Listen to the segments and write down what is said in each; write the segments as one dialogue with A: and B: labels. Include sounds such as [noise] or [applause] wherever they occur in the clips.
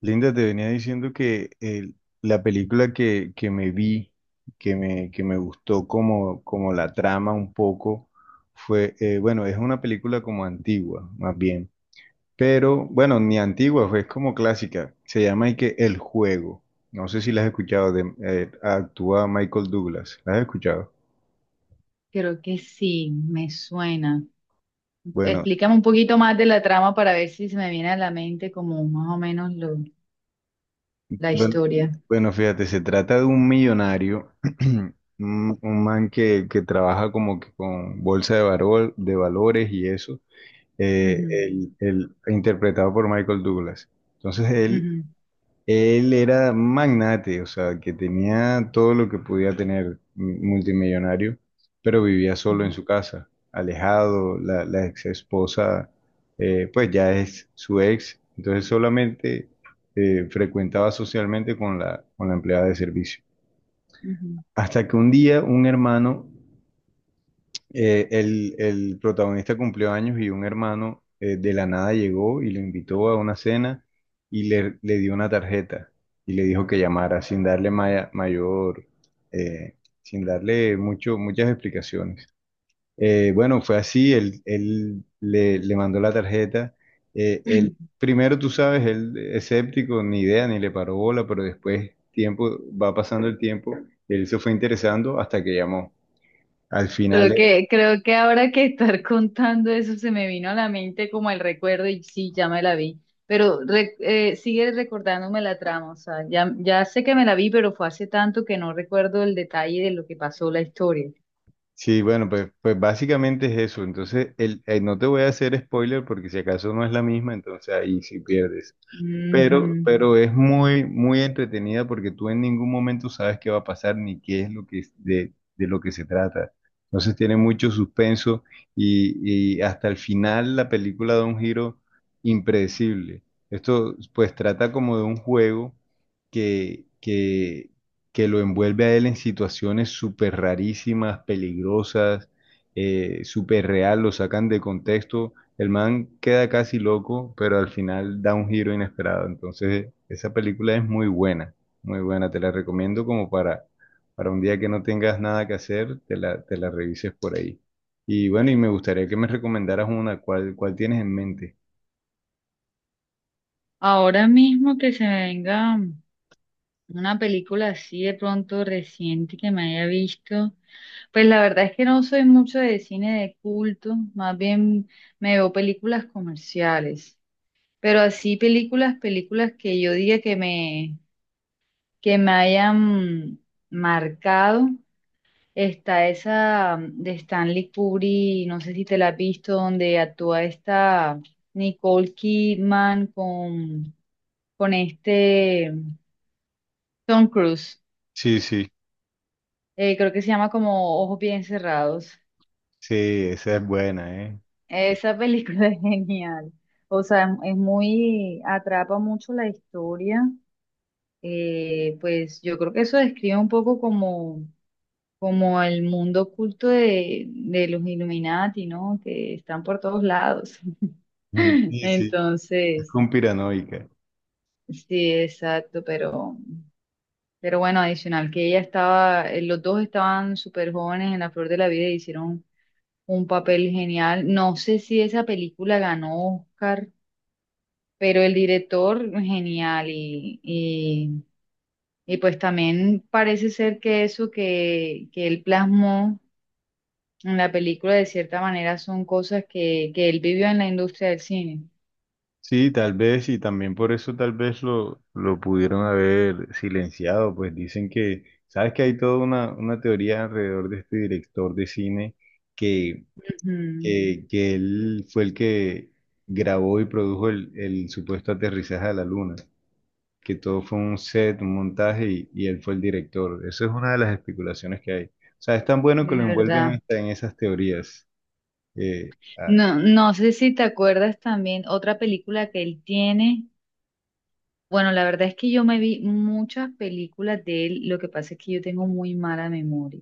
A: Linda, te venía diciendo que la película que me vi, que me gustó como, como la trama un poco, es una película como antigua, más bien, pero bueno, ni antigua, fue, es como clásica, se llama y que El Juego, no sé si la has escuchado, actúa Michael Douglas. ¿La has escuchado?
B: Creo que sí, me suena.
A: Bueno,
B: Explícame un poquito más de la trama para ver si se me viene a la mente como más o menos la
A: bueno,
B: historia.
A: bueno, fíjate, se trata de un millonario, [clears throat] un man que trabaja como que con de valores y eso,
B: Ujú,
A: interpretado por Michael Douglas. Entonces él
B: ujú,
A: él era magnate, o sea, que tenía todo lo que podía tener un multimillonario, pero vivía solo en
B: ujú,
A: su casa, alejado. La ex esposa, pues ya es su ex, entonces solamente frecuentaba socialmente con la empleada de servicio.
B: ujú.
A: Hasta que un día un hermano, el protagonista cumplió años y un hermano, de la nada, llegó y lo invitó a una cena y le dio una tarjeta y le dijo que llamara sin darle maya- mayor, eh, sin darle mucho, muchas explicaciones. Bueno, fue así, le mandó la tarjeta. Él,
B: [laughs]
A: primero, tú sabes, él escéptico, ni idea, ni le paró bola, pero después va pasando el tiempo, él se fue interesando hasta que llamó. Al
B: Creo
A: final,
B: que, creo que ahora que estar contando eso se me vino a la mente como el recuerdo y sí, ya me la vi. Pero sigue recordándome la trama, o sea, ya sé que me la vi, pero fue hace tanto que no recuerdo el detalle de lo que pasó la historia.
A: sí, bueno, pues básicamente es eso. Entonces, no te voy a hacer spoiler porque si acaso no es la misma, entonces ahí sí pierdes.
B: Ujú.
A: Pero es muy entretenida porque tú en ningún momento sabes qué va a pasar ni qué es lo que es- de lo que se trata. Entonces tiene mucho suspenso y hasta el final la película da un giro impredecible. Esto pues trata como de un juego que, que, que lo envuelve a él en situaciones súper rarísimas, peligrosas, súper real, lo sacan de contexto, el man queda casi loco, pero al final da un giro inesperado. Entonces, esa película es muy buena, muy buena. Te la recomiendo como para un día que no tengas nada que hacer, te la revises por ahí. Y bueno, y me gustaría que me recomendaras una. ¿Cuál, cuál tienes en mente?
B: Ahora mismo que se me venga. Una película así de pronto reciente que me haya visto. Pues la verdad es que no soy mucho de cine de culto, más bien me veo películas comerciales, pero así películas que yo diga que me hayan marcado. Está esa de Stanley Kubrick, no sé si te la has visto, donde actúa esta Nicole Kidman con este Tom Cruise.
A: Sí, sí,
B: Creo que se llama como Ojos Bien Cerrados.
A: sí, esa es buena, ¿eh?
B: Esa película [laughs] es genial. O sea, es muy, atrapa mucho la historia. Pues yo creo que eso describe un poco como el mundo oculto de los Illuminati, ¿no? Que están por todos lados.
A: [laughs]
B: [laughs]
A: Sí, sí, es
B: Entonces,
A: conspiranoica.
B: sí, exacto, pero bueno, adicional que ella estaba, los dos estaban súper jóvenes en la flor de la vida y hicieron un papel genial. No sé si esa película ganó Oscar, pero el director genial y y pues también parece ser que eso que él plasmó en la película de cierta manera son cosas que él vivió en la industria del cine.
A: Sí, tal vez, y también por eso tal vez lo pudieron haber silenciado, pues dicen que, sabes que hay toda una teoría alrededor de este director de cine que,
B: Ujú,
A: que él fue el que grabó y produjo el supuesto aterrizaje a la luna, que todo fue un set, un montaje y él fue el director. Eso es una de las especulaciones que hay. O sea, es tan bueno que
B: de
A: lo envuelven
B: verdad.
A: hasta en esas teorías. Eh, ah,
B: No, no sé si te acuerdas también otra película que él tiene. Bueno, la verdad es que yo me vi muchas películas de él, lo que pasa es que yo tengo muy mala memoria.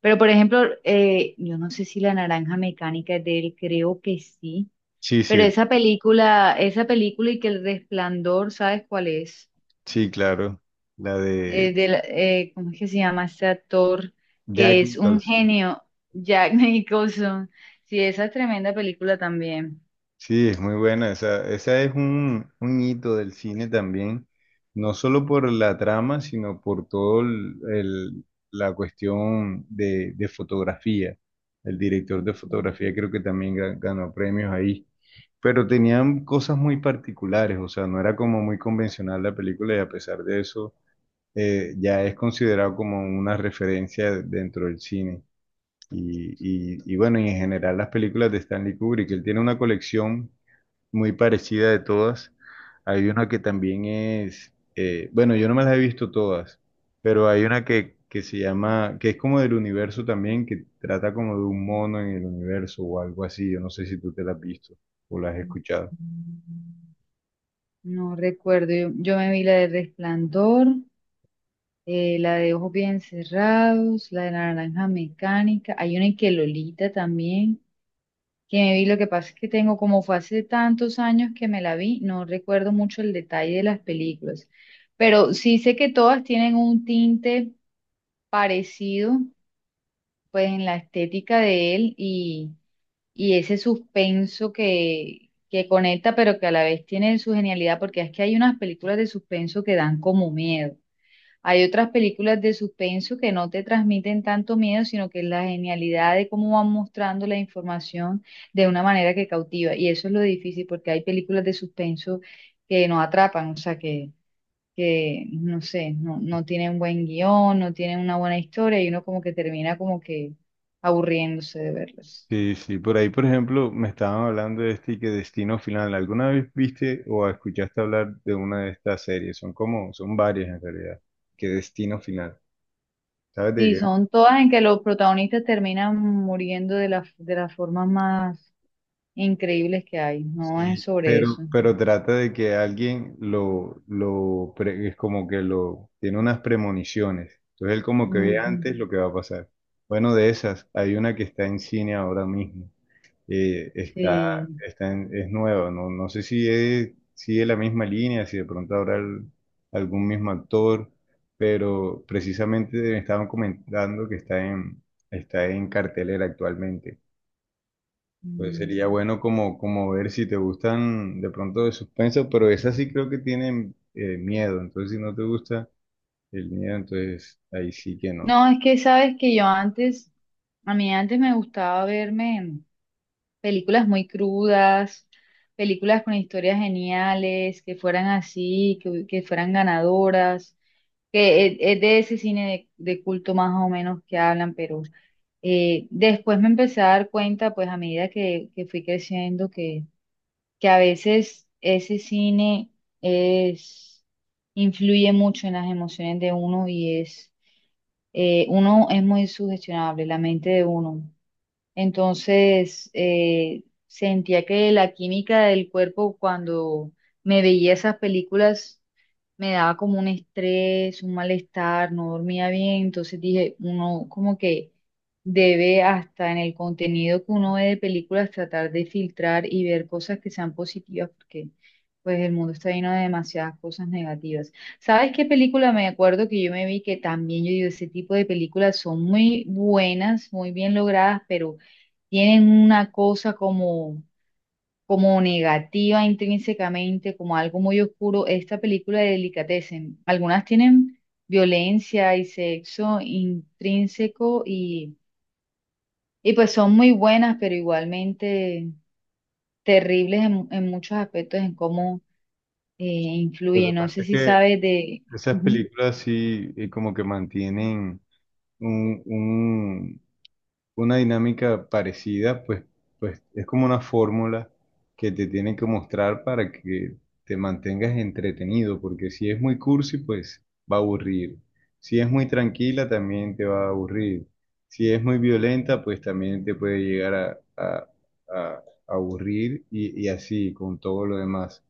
B: Pero, por ejemplo, yo no sé si La Naranja Mecánica es de él, creo que sí.
A: sí,
B: Pero
A: sí,
B: esa película y que El Resplandor, ¿sabes cuál es?
A: sí, claro, la de
B: ¿Cómo es que se llama este actor? Que
A: Jack
B: es un
A: Nicholson.
B: genio, Jack [laughs] Nicholson. Sí, esa es tremenda película también.
A: Sí, es muy buena. Esa es un hito del cine también, no solo por la trama, sino por todo la cuestión de fotografía. El director de fotografía creo que también ganó premios ahí, pero tenían cosas muy particulares, o sea, no era como muy convencional la película y a pesar de eso, ya es considerado como una referencia dentro del cine. Y bueno, y en general las películas de Stanley Kubrick, él tiene una colección muy parecida de todas. Hay una que también es, yo no me las he visto todas, pero hay una que se llama, que es como del universo también, que trata como de un mono en el universo o algo así. Yo no sé si tú te la has visto o la has
B: Ujú.
A: escuchado.
B: No recuerdo, yo me vi la de Resplandor, la de ojos bien cerrados, la de la naranja mecánica, hay una en que Lolita también, que me vi, lo que pasa es que tengo, como fue hace tantos años que me la vi, no recuerdo mucho el detalle de las películas, pero sí sé que todas tienen un tinte parecido, pues en la estética de él y ese suspenso que conecta, pero que a la vez tiene su genialidad, porque es que hay unas películas de suspenso que dan como miedo. Hay otras películas de suspenso que no te transmiten tanto miedo, sino que es la genialidad de cómo van mostrando la información de una manera que cautiva. Y eso es lo difícil, porque hay películas de suspenso que no atrapan, o sea, que no sé, no tienen buen guión, no tienen una buena historia y uno como que termina como que aburriéndose de verlas.
A: Sí, sí, por ahí, por ejemplo, me estaban hablando de este y que Destino Final. ¿Alguna vez viste o escuchaste hablar de una de estas series? Son como, son varias en realidad. Qué Destino Final. ¿Sabes de
B: Sí,
A: qué?
B: son todas en que los protagonistas terminan muriendo de las formas más increíbles que hay, no es
A: Sí,
B: sobre eso.
A: pero trata de que alguien es como que lo tiene unas premoniciones. Entonces él como que ve
B: Ujú.
A: antes lo que va a pasar. Bueno, de esas, hay una que está en cine ahora mismo. Eh, está,
B: Sí.
A: es nueva, no, no sé si es, sigue la misma línea, si de pronto habrá algún mismo actor, pero precisamente me estaban comentando que está en cartelera actualmente. Pues
B: Mm.
A: sería bueno como, como ver si te gustan de pronto de suspenso, pero esas sí creo que tienen, miedo, entonces si no te gusta el miedo, entonces ahí sí que no.
B: No, es que sabes que yo antes, a mí antes me gustaba verme películas muy crudas, películas con historias geniales, que fueran así, que fueran ganadoras, es de ese cine de culto más o menos que hablan, pero después me empecé a dar cuenta, pues a medida que fui creciendo, que a veces ese cine es, influye mucho en las emociones de uno uno es muy sugestionable, la mente de uno. Entonces, sentía que la química del cuerpo cuando me veía esas películas me daba como un estrés, un malestar, no dormía bien. Entonces dije, uno como que debe hasta en el contenido que uno ve de películas tratar de filtrar y ver cosas que sean positivas porque pues el mundo está lleno de demasiadas cosas negativas. ¿Sabes qué película me acuerdo que yo me vi que también yo digo, ese tipo de películas son muy buenas, muy bien logradas, pero tienen una cosa como negativa intrínsecamente, como algo muy oscuro. Esta película de Delicatessen, algunas tienen violencia y sexo intrínseco y pues son muy buenas, pero igualmente terribles en muchos aspectos en cómo
A: Lo que
B: influye. No
A: pasa
B: sé
A: es
B: si
A: que
B: sabes de...
A: esas
B: Ujú.
A: películas sí, como que mantienen un, un, una dinámica parecida, pues, pues es como una fórmula que te tienen que mostrar para que te mantengas entretenido, porque si es muy cursi, pues va a aburrir. Si es muy tranquila, también te va a aburrir. Si es muy violenta, pues también te puede llegar a- a aburrir y así con todo lo demás.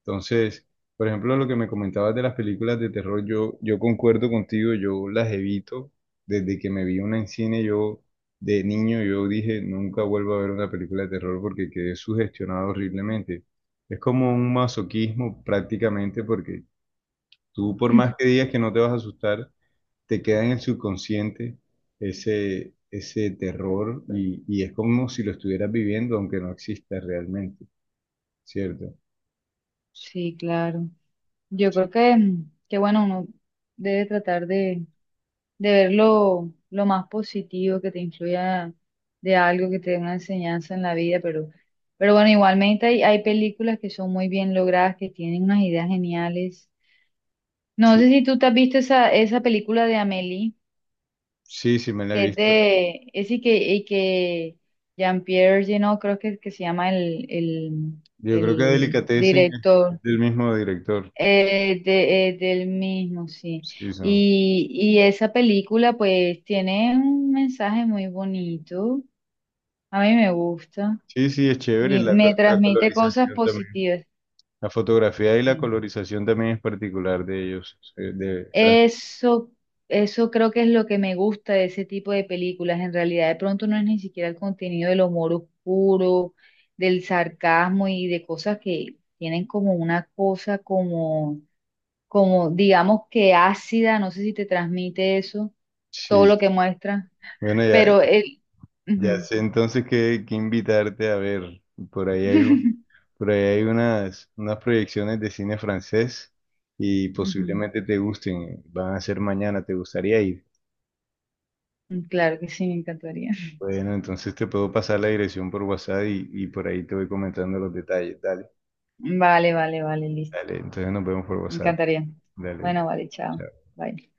A: Entonces, por ejemplo, lo que me comentabas de las películas de terror, yo concuerdo contigo, yo las evito. Desde que me vi una en cine, yo de niño, yo dije, nunca vuelvo a ver una película de terror porque quedé sugestionado horriblemente. Es como un masoquismo prácticamente porque tú, por más que digas que no te vas a asustar, te queda en el subconsciente ese terror y es como si lo estuvieras viviendo aunque no exista realmente, ¿cierto?
B: Sí, claro. Yo creo que, mm, que bueno, uno debe tratar de ver lo más positivo que te influya de algo que te dé una enseñanza en la vida, pero bueno, igualmente hay películas que son muy bien logradas, que tienen unas ideas geniales. No sé
A: Sí,
B: si tú te has visto esa película de Amélie,
A: sí, sí me la he
B: que es
A: visto.
B: de, es y que Jean-Pierre Jeunet, creo que se llama
A: Yo creo que
B: el
A: Delicatessen
B: director.
A: es del mismo director.
B: Del mismo, sí.
A: Sí, son.
B: Y esa película pues tiene un mensaje muy bonito, a mí me gusta
A: Sí, sí, es chévere.
B: y me
A: La
B: transmite cosas
A: colorización también.
B: positivas.
A: La fotografía y la
B: Sí.
A: colorización también es particular de ellos, de Francia.
B: Eso, eso creo que es lo que me gusta de ese tipo de películas. En realidad, de pronto no es ni siquiera el contenido del humor oscuro, del sarcasmo y de cosas que tienen como una cosa como como digamos que ácida, no sé si te transmite eso, todo
A: Sí,
B: lo
A: sí.
B: que muestra,
A: Bueno, ya,
B: pero el...
A: ya
B: Ujú.
A: sé entonces que invitarte a ver. Por ahí hay un,
B: [laughs]
A: por ahí hay unas proyecciones de cine francés y
B: Ujú.
A: posiblemente te gusten. Van a ser mañana, ¿te gustaría ir?
B: Mm, claro que sí, me encantaría.
A: Bueno, entonces te puedo pasar la dirección por WhatsApp y por ahí te voy comentando los detalles. Dale.
B: Vale, vale, vale, listo.
A: Dale, entonces nos vemos por
B: Me
A: WhatsApp.
B: encantaría.
A: Dale,
B: Bueno, vale, chao.
A: chao.
B: Bye.